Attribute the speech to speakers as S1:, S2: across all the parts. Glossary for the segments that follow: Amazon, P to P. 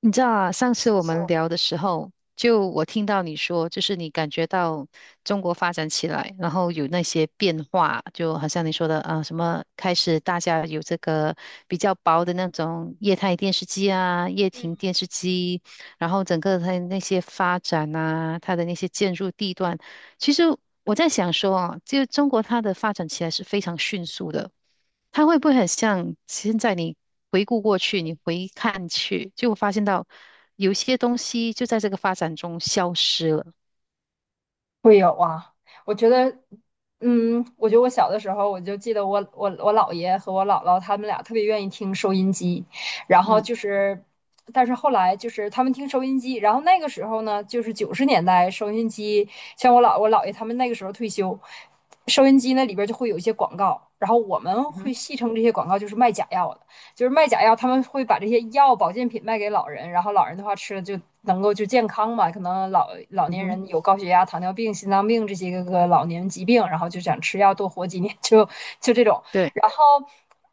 S1: 你知道啊，上次我们聊的时候，就我听到你说，就是你感觉到中国发展起来，然后有那些变化，就好像你说的啊，什么开始大家有这个比较薄的那种液态电视机啊、液晶电视机，然后整个它的那些发展啊，它的那些建筑地段，其实我在想说啊，就中国它的发展起来是非常迅速的。它会不会很像现在你回顾过去，你回看去，就发现到有些东西就在这个发展中消失了。
S2: 会有啊，我觉得，我觉得我小的时候，我就记得我姥爷和我姥姥他们俩特别愿意听收音机，然后
S1: 嗯
S2: 就是，但是后来就是他们听收音机，然后那个时候呢，就是90年代收音机，像我姥爷他们那个时候退休，收音机那里边就会有一些广告，然后我们
S1: 嗯
S2: 会
S1: 哼，
S2: 戏称这些广告就是卖假药的。就是卖假药，他们会把这些药保健品卖给老人，然后老人的话吃了就能够就健康嘛。可能老老
S1: 嗯
S2: 年
S1: 哼，
S2: 人有高血压、糖尿病、心脏病这些老年疾病，然后就想吃药多活几年，就这种。
S1: 对，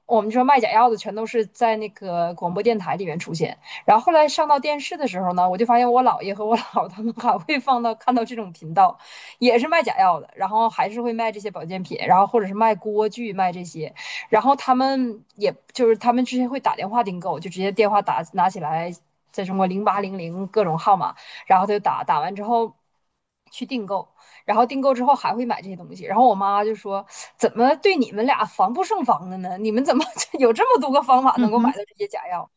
S2: 我们说卖假药的全都是在那个广播电台里面出现，然后后来上到电视的时候呢，我就发现我姥爷和我姥他们还会放到看到这种频道，也是卖假药的，然后还是会卖这些保健品，然后或者是卖锅具卖这些，然后他们也就是他们之前会打电话订购，就直接电话打拿起来，在中国0800各种号码，然后他就打完之后去订购。然后订购之后还会买这些东西。然后我妈就说：“怎么对你们俩防不胜防的呢？你们怎么 有这么多个方法
S1: 嗯
S2: 能够买
S1: 哼，
S2: 到这些假药？”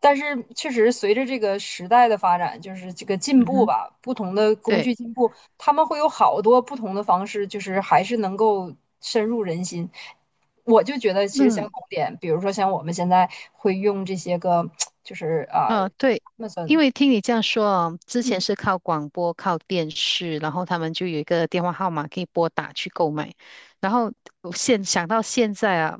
S2: 但是确实，随着这个时代的发展，就是这个进
S1: 嗯
S2: 步
S1: 哼，
S2: 吧，不同的工
S1: 对，
S2: 具进步，他们会有好多不同的方式，就是还是能够深入人心。我就觉得其实相
S1: 嗯，
S2: 同点，比如说像我们现在会用这些个，就是啊
S1: 啊，对，因
S2: ，Amazon，
S1: 为听你这样说啊，之前
S2: 嗯，
S1: 是靠广播、靠电视，然后他们就有一个电话号码可以拨打去购买。然后我现想到现在啊，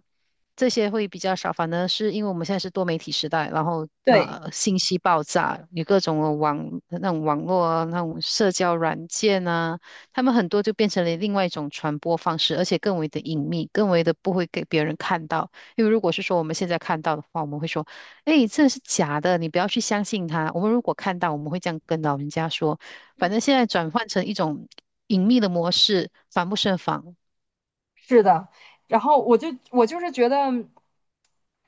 S1: 这些会比较少，反而是因为我们现在是多媒体时代，然后
S2: 对，
S1: 信息爆炸，有各种的那种网络啊，那种社交软件啊，他们很多就变成了另外一种传播方式，而且更为的隐秘，更为的不会给别人看到。因为如果是说我们现在看到的话，我们会说，哎，这是假的，你不要去相信他。我们如果看到，我们会这样跟老人家说。反正现在转换成一种隐秘的模式，防不胜防。
S2: 是的，然后我就是觉得，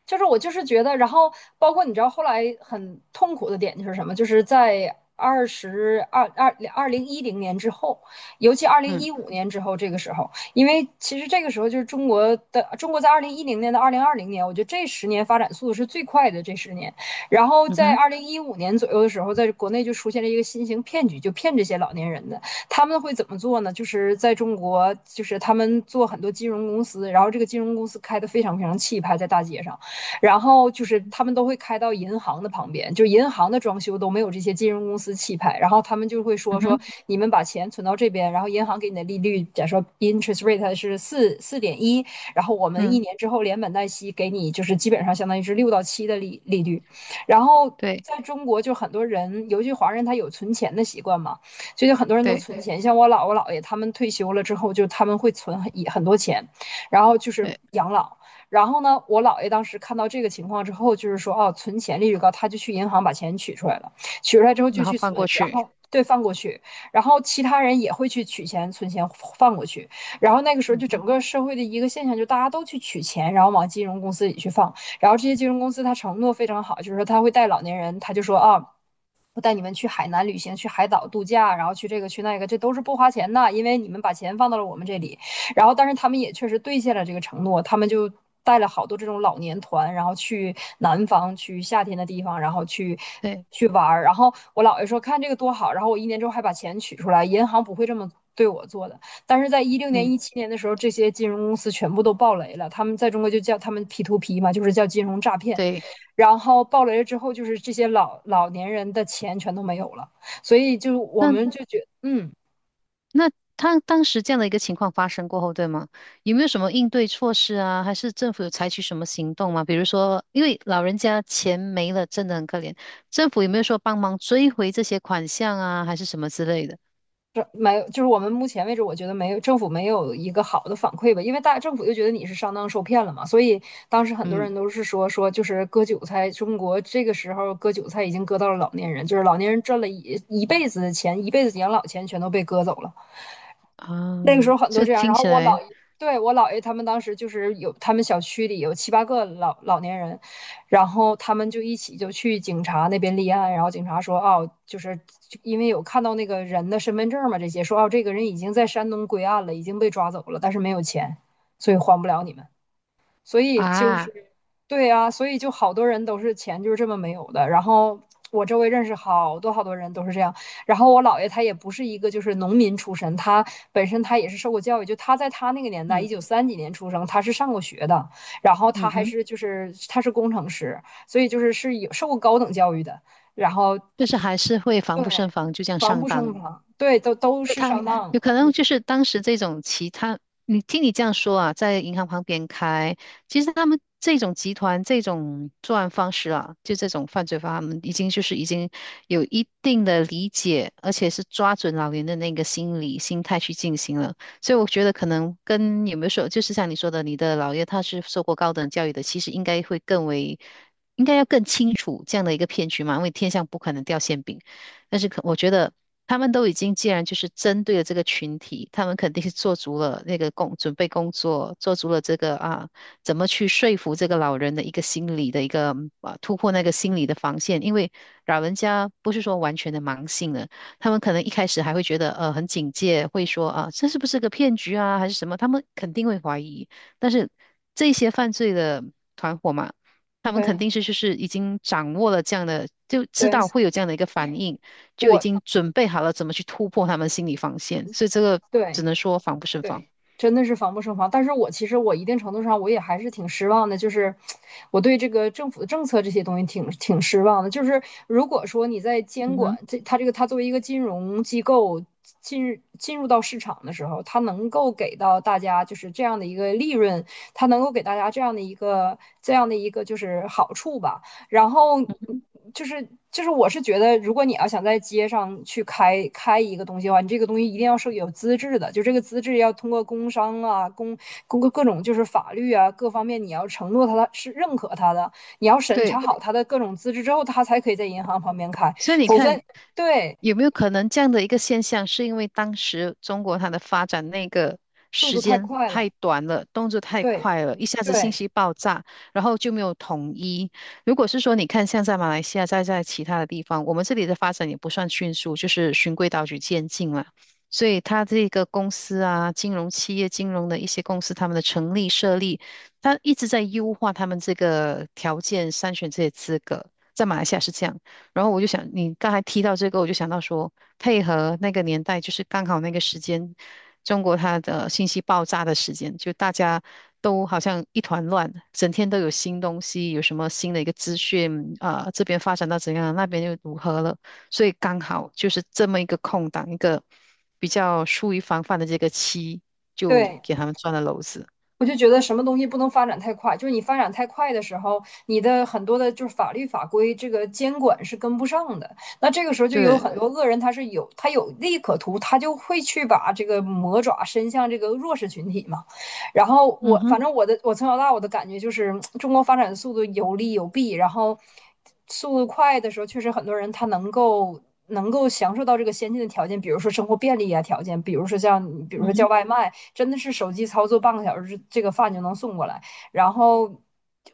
S2: 就是我就是觉得，然后包括你知道后来很痛苦的点就是什么，就是在二十二二二零一零年之后，尤其二零
S1: 嗯
S2: 一五年之后这个时候，因为其实这个时候就是中国在二零一零年到2020年，我觉得这十年发展速度是最快的这十年，然后
S1: 嗯
S2: 在
S1: 哼
S2: 二零一五年左右的时候，在国内就出现了一个新型骗局，就骗这些老年人的。他们会怎么做呢？就是在中国，就是他们做很多金融公司，然后这个金融公司开的非常非常气派，在大街上，然后就是他们都会开到银行的旁边，就银行的装修都没有这些金融公司气派，然后他们就会
S1: 嗯
S2: 说
S1: 哼
S2: 你们把钱存到这边，然后银行给你的利率，假如说 interest rate 是四点一，然后我们一
S1: 嗯，
S2: 年之后连本带息给你，就是基本上相当于是6到7的利率，然后。
S1: 对
S2: 在中国，就很多人，尤其华人，他有存钱的习惯嘛。最近很多人都
S1: 对
S2: 存钱，像我姥爷他们退休了之后，就他们会存很多钱，然后就是
S1: 对，
S2: 养老。然后呢，我姥爷当时看到这个情况之后，就是说哦，存钱利率高，他就去银行把钱取出来了，取出来之后就
S1: 然后
S2: 去
S1: 放
S2: 存，
S1: 过
S2: 然
S1: 去。
S2: 后对放过去，然后其他人也会去取钱、存钱放过去。然后那个时候
S1: 嗯
S2: 就整
S1: 哼，
S2: 个社会的一个现象，就大家都去取钱，然后往金融公司里去放。然后这些金融公司他承诺非常好，就是说他会带老年人，他就说啊，哦我带你们去海南旅行，去海岛度假，然后去这个去那个，这都是不花钱的，因为你们把钱放到了我们这里。然后，但是他们也确实兑现了这个承诺，他们就带了好多这种老年团，然后去南方，去夏天的地方，然后去
S1: 对
S2: 去玩儿。然后我姥爷说看这个多好，然后我一年之后还把钱取出来，银行不会这么对我做的。但是在16年、
S1: 嗯
S2: 17年的时候，这些金融公司全部都爆雷了，他们在中国就叫他们 P to P 嘛，就是叫金融诈骗。
S1: 对。
S2: 然后暴雷了之后，就是这些老年人的钱全都没有了，所以我
S1: 那。
S2: 们就觉得
S1: 那他当时这样的一个情况发生过后，对吗？有没有什么应对措施啊？还是政府有采取什么行动吗？比如说，因为老人家钱没了，真的很可怜，政府有没有说帮忙追回这些款项啊，还是什么之类的？
S2: 这没有，就是我们目前为止，我觉得没有政府没有一个好的反馈吧，因为大政府就觉得你是上当受骗了嘛，所以当时很多
S1: 嗯，
S2: 人都是说就是割韭菜，中国这个时候割韭菜已经割到了老年人，就是老年人赚了一辈子的钱，一辈子养老钱全都被割走了。那个时
S1: 啊，
S2: 候很多
S1: 这
S2: 这样，
S1: 听
S2: 然后
S1: 起
S2: 我姥
S1: 来
S2: 爷，对，我姥爷他们当时就是有他们小区里有七八个老年人，然后他们就一起就去警察那边立案，然后警察说哦，就是因为有看到那个人的身份证嘛，这些说哦，这个人已经在山东归案了，已经被抓走了，但是没有钱，所以还不了你们。所以就是，
S1: 啊，
S2: 对啊，所以就好多人都是钱就是这么没有的。然后我周围认识好多好多人都是这样。然后我姥爷他也不是一个就是农民出身，他本身他也是受过教育，就他在他那个年代，一
S1: 嗯
S2: 九三几年出生，他是上过学的，然后他
S1: 嗯
S2: 还
S1: 哼，
S2: 是就是他是工程师，所以就是是有受过高等教育的。然后
S1: 就是还是会防不胜
S2: 对，
S1: 防，就这样
S2: 防
S1: 上
S2: 不
S1: 当
S2: 胜
S1: 了。
S2: 防，对，都都
S1: 对
S2: 是
S1: 他们
S2: 上当，
S1: 有可能就是当时这种其他，你听你这样说啊，在银行旁边开，其实他们这种集团这种作案方式啊，就这种犯罪方法，他们已经就是已经有一定的理解，而且是抓准老人的那个心理心态去进行了。所以我觉得可能跟有没有说，就是像你说的，你的姥爷他是受过高等教育的，其实应该会更为。应该要更清楚这样的一个骗局嘛，因为天上不可能掉馅饼。但是可我觉得他们都已经既然就是针对了这个群体，他们肯定是做足了那个工，准备工作，做足了这个啊，怎么去说服这个老人的一个心理的一个啊，突破那个心理的防线，因为老人家不是说完全的盲信了，他们可能一开始还会觉得很警戒，会说啊这是不是个骗局啊还是什么，他们肯定会怀疑，但是这些犯罪的团伙嘛。他们肯
S2: 对
S1: 定是就是已经掌握了这样的，就知
S2: 对，
S1: 道会有这样的一个反应，就已经
S2: 我
S1: 准备好了怎么去突破他们心理防线，所以这个只
S2: 对。
S1: 能说防不胜防。
S2: 对，真的是防不胜防。但是我其实我一定程度上我也还是挺失望的，就是我对这个政府的政策这些东西挺失望的。就是如果说你在监
S1: 嗯
S2: 管
S1: 哼，
S2: 这个它作为一个金融机构进入到市场的时候，它能够给到大家就是这样的一个利润，它能够给大家这样的一个这样的一个就是好处吧。然后就是我是觉得，如果你要想在街上去开一个东西的话，你这个东西一定要是有资质的，就这个资质要通过工商啊、工、公各种就是法律啊各方面，你要承诺他是认可他的，你要审查
S1: 对。
S2: 好他的各种资质之后，他才可以在银行旁边开，
S1: 所以你
S2: 否则
S1: 看，
S2: 对
S1: 有没有可能这样的一个现象，是因为当时中国它的发展那个
S2: 速
S1: 时
S2: 度太
S1: 间
S2: 快
S1: 太
S2: 了，
S1: 短了，动作太
S2: 对
S1: 快了，一下子信
S2: 对
S1: 息爆炸，然后就没有统一。如果是说你看，像在马来西亚，再在其他的地方，我们这里的发展也不算迅速，就是循规蹈矩渐进了。所以它这个公司啊，金融企业、金融的一些公司，他们的成立设立，它一直在优化他们这个条件，筛选这些资格。在马来西亚是这样。然后我就想，你刚才提到这个，我就想到说，配合那个年代，就是刚好那个时间，中国它的信息爆炸的时间，就大家都好像一团乱，整天都有新东西，有什么新的一个资讯啊、这边发展到怎样，那边又如何了，所以刚好就是这么一个空档，一个比较疏于防范的这个期，就
S2: 对。
S1: 给他们钻了篓子。
S2: 我就觉得什么东西不能发展太快，就是你发展太快的时候，你的很多的就是法律法规这个监管是跟不上的。那这个时候就有
S1: 对，
S2: 很多恶人，他是有他有利可图，他就会去把这个魔爪伸向这个弱势群体嘛。然后
S1: 嗯
S2: 我反
S1: 哼，
S2: 正我的我从小到大我的感觉就是，中国发展的速度有利有弊，然后速度快的时候，确实很多人他能够。能够享受到这个先进的条件，比如说生活便利啊条件，比如说
S1: 嗯
S2: 叫
S1: 哼，
S2: 外卖，真的是手机操作半个小时，这个饭就能送过来。然后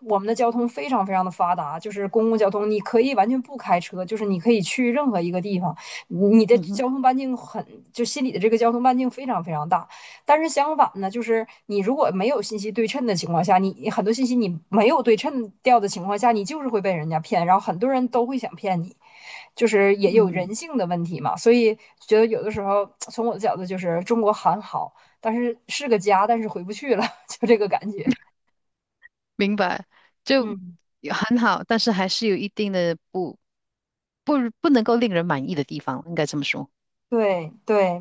S2: 我们的交通非常非常的发达，就是公共交通，你可以完全不开车，就是你可以去任何一个地方，你的
S1: 嗯哼，
S2: 交通半径很，就心里的这个交通半径非常非常大。但是相反呢，就是你如果没有信息对称的情况下，你很多信息你没有对称掉的情况下，你就是会被人家骗，然后很多人都会想骗你。就是也有
S1: 嗯。
S2: 人性的问题嘛，所以觉得有的时候从我的角度就是中国很好，但是是个家，但是回不去了，就这个感觉。
S1: 明白，就
S2: 嗯。
S1: 也很好，但是还是有一定的不不能够令人满意的地方，应该这么说。
S2: 对对，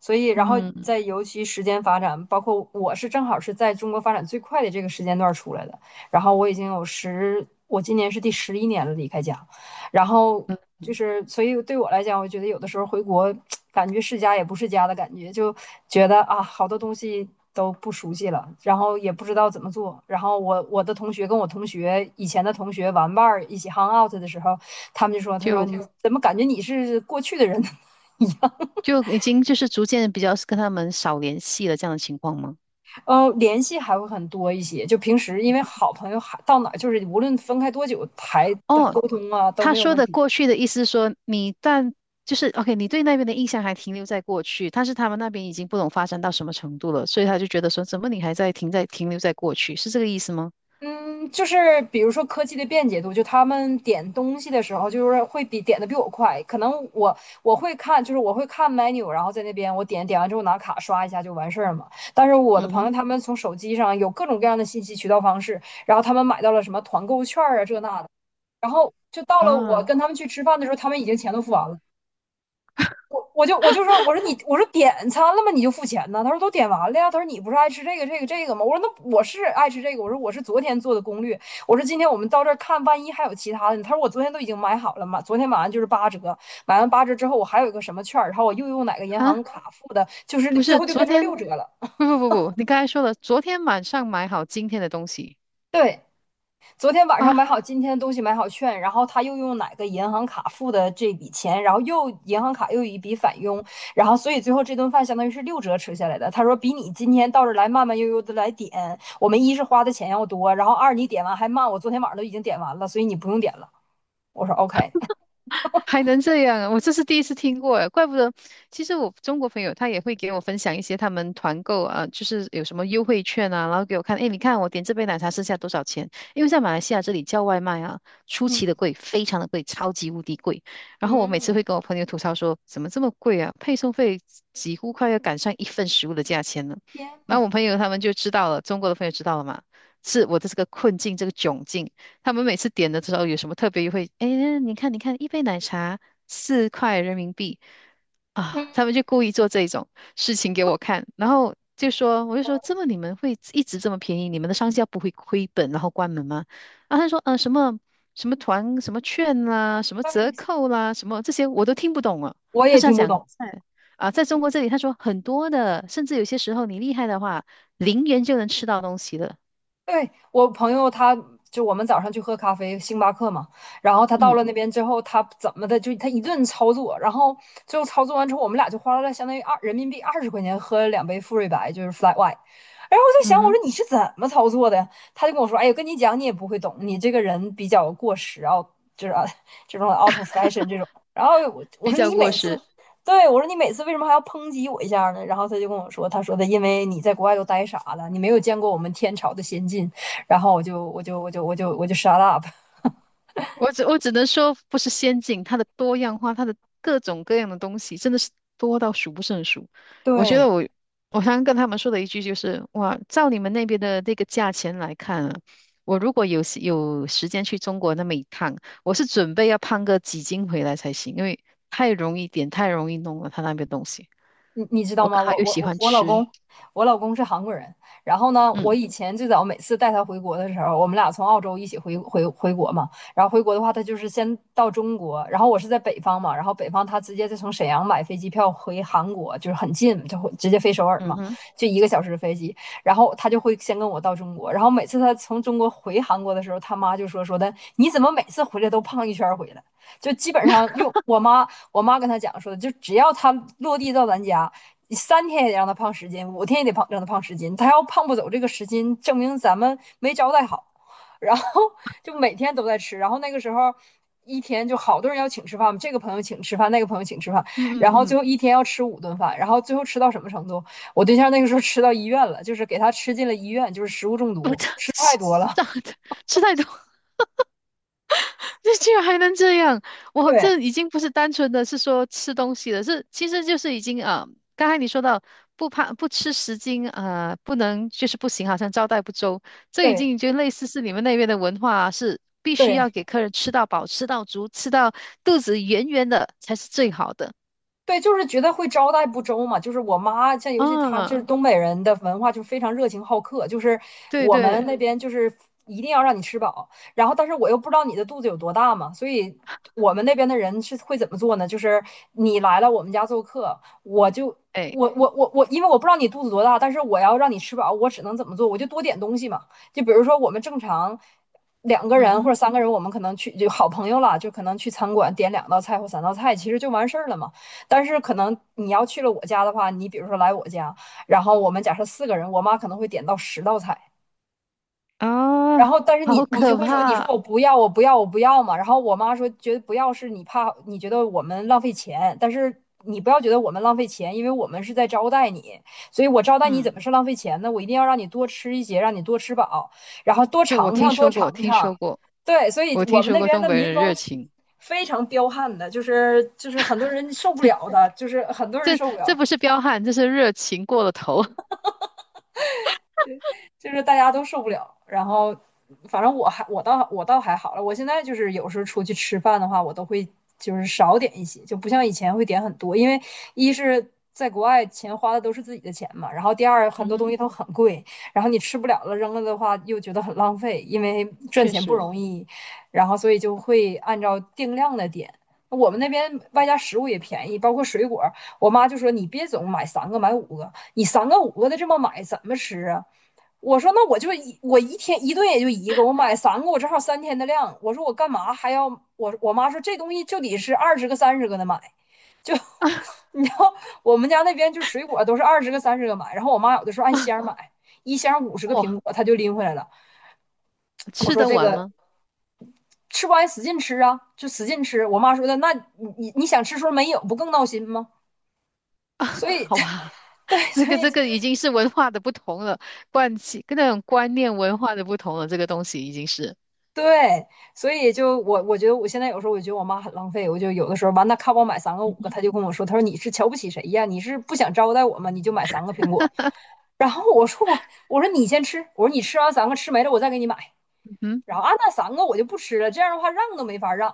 S2: 所以然后
S1: 嗯
S2: 在尤其时间发展，包括我是正好是在中国发展最快的这个时间段儿出来的，然后我已经有十，我今年是第11年了离开家，然后
S1: 嗯，
S2: 就是所以对我来讲，我觉得有的时候回国 感觉是家也不是家的感觉，就觉得啊好多东西都不熟悉了，然后也不知道怎么做，然后我的同学跟我同学以前的同学玩伴儿一起 hang out 的时候，他
S1: 就
S2: 说你怎么感觉你是过去的人呢？
S1: 就已经就是逐渐比较跟他们少联系了这样的情况吗？
S2: 联系还会很多一些。就平时因为好朋友还到哪儿，就是无论分开多久，还
S1: 哦，
S2: 沟通啊都
S1: 他
S2: 没有
S1: 说
S2: 问
S1: 的
S2: 题。
S1: 过去的意思是说就是 OK，你对那边的印象还停留在过去，但是他们那边已经不懂发展到什么程度了，所以他就觉得说怎么你还在停留在过去，是这个意思吗？
S2: 嗯，就是比如说科技的便捷度，就他们点东西的时候，就是会比点的比我快。可能我会看，就是我会看 menu，然后在那边我点完之后拿卡刷一下就完事儿嘛。但是我的
S1: 嗯
S2: 朋
S1: 哼，
S2: 友他们从手机上有各种各样的信息渠道方式，然后他们买到了什么团购券啊这那的，然后就到了我
S1: 啊
S2: 跟他们去吃饭的时候，他们已经钱都付完了。我就说，我说点餐了吗？你就付钱呢？他说都点完了呀。他说你不是爱吃这个这个这个吗？我说那我是爱吃这个。我说我是昨天做的攻略。我说今天我们到这儿看，万一还有其他的呢。他说我昨天都已经买好了嘛，昨天买完就是八折，买完八折之后我还有一个什么券然后我又用哪个银行
S1: 啊，
S2: 卡付的，就是
S1: 不
S2: 最
S1: 是，
S2: 后就
S1: 昨
S2: 变成
S1: 天。
S2: 六折了。
S1: 不不不不，你刚才说了，昨天晚上买好今天的东西
S2: 对。昨天晚上买
S1: 啊，
S2: 好今天的东西，买好券，然后他又用哪个银行卡付的这笔钱，然后又银行卡又有一笔返佣，然后所以最后这顿饭相当于是六折吃下来的。他说比你今天到这来慢慢悠悠的来点，我们一是花的钱要多，然后二你点完还慢，我昨天晚上都已经点完了，所以你不用点了。我说 OK，
S1: 还能这样啊，我这是第一次听过诶，怪不得。其实我中国朋友他也会给我分享一些他们团购啊，就是有什么优惠券啊，然后给我看，诶，你看我点这杯奶茶剩下多少钱？因为在马来西亚这里叫外卖啊，出奇的
S2: 嗯
S1: 贵，非常的贵，超级无敌贵。然后我每次
S2: 嗯，
S1: 会跟我朋友吐槽说，怎么这么贵啊？配送费几乎快要赶上一份食物的价钱了。
S2: 天呐，
S1: 然后我朋友他们就知道了，中国的朋友知道了嘛，是我的这个困境，这个窘境。他们每次点的时候有什么特别优惠？哎，你看，你看，一杯奶茶4块人民币啊！他们就故意做这种事情给我看，然后就说，我就说，这么你们会一直这么便宜？你们的商家不会亏本然后关门吗？啊，他说，什么什么团、什么券啦、什么折扣啦、什么这些我都听不懂啊。
S2: 我
S1: 他
S2: 也
S1: 是要
S2: 听不
S1: 讲
S2: 懂。
S1: 在中国这里，他说很多的，甚至有些时候你厉害的话，0元就能吃到东西了。
S2: 对，我朋友他，就我们早上去喝咖啡，星巴克嘛，然后他到
S1: 嗯
S2: 了那边之后，他怎么的就他一顿操作，然后最后操作完之后，我们俩就花了相当于人民币20块钱喝了2杯馥芮白，就是 flat white。然后我在想，
S1: 嗯
S2: 我
S1: 哼，
S2: 说你是怎么操作的呀？他就跟我说，哎呀，跟你讲你也不会懂，你这个人比较过时啊，就是啊 这种 out of fashion 这种。然后我
S1: 比
S2: 说
S1: 较
S2: 你
S1: 过
S2: 每次
S1: 时。
S2: 对，我说你每次为什么还要抨击我一下呢？然后他就跟我说，他说的因为你在国外都呆傻了，你没有见过我们天朝的先进。然后我就 shut up。
S1: 我只能说，不是先进，它的多样化，它的各种各样的东西，真的是多到数不胜数。我觉
S2: 对，
S1: 得我常常跟他们说的一句就是，哇，照你们那边的那个价钱来看啊，我如果有时间去中国那么一趟，我是准备要胖个几斤回来才行，因为太容易点，太容易弄了，他那边东西。
S2: 你知道
S1: 我
S2: 吗？
S1: 刚好
S2: 我
S1: 又
S2: 我
S1: 喜
S2: 我
S1: 欢
S2: 我老
S1: 吃，
S2: 公，我老公是韩国人。然后呢，我
S1: 嗯
S2: 以前最早每次带他回国的时候，我们俩从澳洲一起回国嘛。然后回国的话，他就是先到中国，然后我是在北方嘛，然后北方他直接就从沈阳买飞机票回韩国，就是很近，就会直接飞首尔
S1: 嗯
S2: 嘛，
S1: 哼，
S2: 就1个小时的飞机。然后他就会先跟我到中国，然后每次他从中国回韩国的时候，他妈就说的，你怎么每次回来都胖一圈儿回来？就基本上又我妈跟他讲说，就只要他落地到咱家，你三天也得让他胖十斤，5天也得让他胖十斤。他要胖不走这个十斤，证明咱们没招待好。然后就每天都在吃，然后那个时候一天就好多人要请吃饭，嘛，这个朋友请吃饭，那个朋友请吃饭，
S1: 嗯
S2: 然
S1: 嗯
S2: 后最
S1: 嗯，
S2: 后一天要吃5顿饭，然后最后吃到什么程度？我对象那个时候吃到医院了，就是给他吃进了医院，就是食物中
S1: 我
S2: 毒，吃太多了。
S1: 长吃太多。这居然还能这样！我
S2: 对
S1: 这已经不是单纯的是说吃东西了，是其实就是已经啊、刚才你说到不怕不吃10斤啊、不能就是不行，好像招待不周，这已
S2: 对
S1: 经就类似是你们那边的文化啊是必须要
S2: 对，
S1: 给客人吃到饱、吃到足、吃到肚子圆圆的才是最好的。
S2: 对，就是觉得会招待不周嘛。就是我妈，像尤其她就
S1: 啊，
S2: 是东北人的文化，就非常热情好客。就是
S1: 对
S2: 我们
S1: 对，
S2: 那边就是一定要让你吃饱，然后但是我又不知道你的肚子有多大嘛，所以我们那边的人是会怎么做呢？就是你来了我们家做客，我就
S1: 哎，
S2: 我我我我，因为我不知道你肚子多大，但是我要让你吃饱，我只能怎么做？我就多点东西嘛。就比如说我们正常。两个
S1: 嗯
S2: 人或者
S1: 哼，
S2: 3个人，我们可能去就好朋友了，就可能去餐馆点2道菜或3道菜，其实就完事儿了嘛。但是可能你要去了我家的话，你比如说来我家，然后我们假设4个人，我妈可能会点到10道菜，
S1: 啊，
S2: 然后，但是
S1: 好
S2: 你就
S1: 可
S2: 会说，你说
S1: 怕！
S2: 我不要，我不要，我不要嘛。然后我妈说，觉得不要是你怕，你觉得我们浪费钱，但是你不要觉得我们浪费钱，因为我们是在招待你，所以我招待你怎
S1: 嗯，
S2: 么是浪费钱呢？我一定要让你多吃一些，让你多吃饱，然后多
S1: 对，我
S2: 尝
S1: 听
S2: 尝，多
S1: 说过，
S2: 尝
S1: 听
S2: 尝。
S1: 说过，
S2: 对，所以
S1: 我
S2: 我
S1: 听
S2: 们
S1: 说
S2: 那
S1: 过
S2: 边
S1: 东
S2: 的
S1: 北
S2: 民
S1: 人热
S2: 风
S1: 情。
S2: 非常彪悍的，就是很多人受不了的，就是很多人
S1: 这
S2: 受不
S1: 这
S2: 了。
S1: 不是彪悍，这是热情过了头。
S2: 就是大家都受不了。然后，反正我倒还好了。我现在就是有时候出去吃饭的话，我都会就是少点一些，就不像以前会点很多，因为一是。在国外，钱花的都是自己的钱嘛。然后第二，很
S1: 嗯
S2: 多东
S1: 哼，
S2: 西都很贵，然后你吃不了了，扔了的话又觉得很浪费，因为赚
S1: 确
S2: 钱不
S1: 实，
S2: 容易。然后所以就会按照定量的点。我们那边外加食物也便宜，包括水果。我妈就说：“你别总买三个，买五个，你三个五个的这么买怎么吃啊？”我说那我一天一顿也就一个，我买三个，我正好三天的量。我说我干嘛还要我？我妈说这东西就得是二十个、三十个的买，就你知道我们家那边就水果都是二十个、三十个买。然后我妈有的时候按
S1: 啊。
S2: 箱买，1箱50个
S1: 哇，
S2: 苹果，她就拎回来了。我
S1: 吃
S2: 说
S1: 得
S2: 这
S1: 完
S2: 个
S1: 吗？
S2: 吃不完使劲吃啊，就使劲吃。我妈说的那你想吃时候没有，不更闹心吗？
S1: 啊，
S2: 所以
S1: 好吧，
S2: 对，
S1: 这
S2: 所
S1: 个
S2: 以
S1: 这个已经是文化的不同了，惯性跟那种观念文化的不同了，这个东西已经是，
S2: 对，所以我觉得我现在有时候我觉得我妈很浪费，我就有的时候完，那看我买三个五
S1: 嗯
S2: 个，
S1: 哼，
S2: 她就跟我说，她说你是瞧不起谁呀？你是不想招待我吗？你就买3个苹果。然后我说你先吃，我说你吃完三个吃没了我再给你买。
S1: 嗯，
S2: 然后啊那三个我就不吃了，这样的话让都没法让，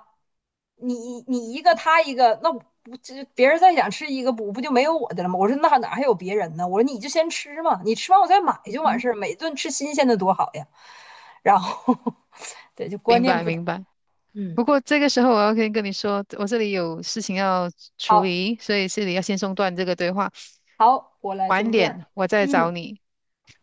S2: 你一个他一个，那我这别人再想吃一个不就没有我的了吗？我说那哪还有别人呢？我说你就先吃嘛，你吃完我再买
S1: 嗯
S2: 就完
S1: 哼，
S2: 事儿，每顿吃新鲜的多好呀。然后 对，就观
S1: 明
S2: 念
S1: 白
S2: 不同。
S1: 明白。
S2: 嗯，
S1: 不过这个时候我要先跟你说，我这里有事情要处
S2: 好，
S1: 理，所以这里要先中断这个对话，
S2: 好，我来
S1: 晚
S2: 中断。
S1: 点我再找你。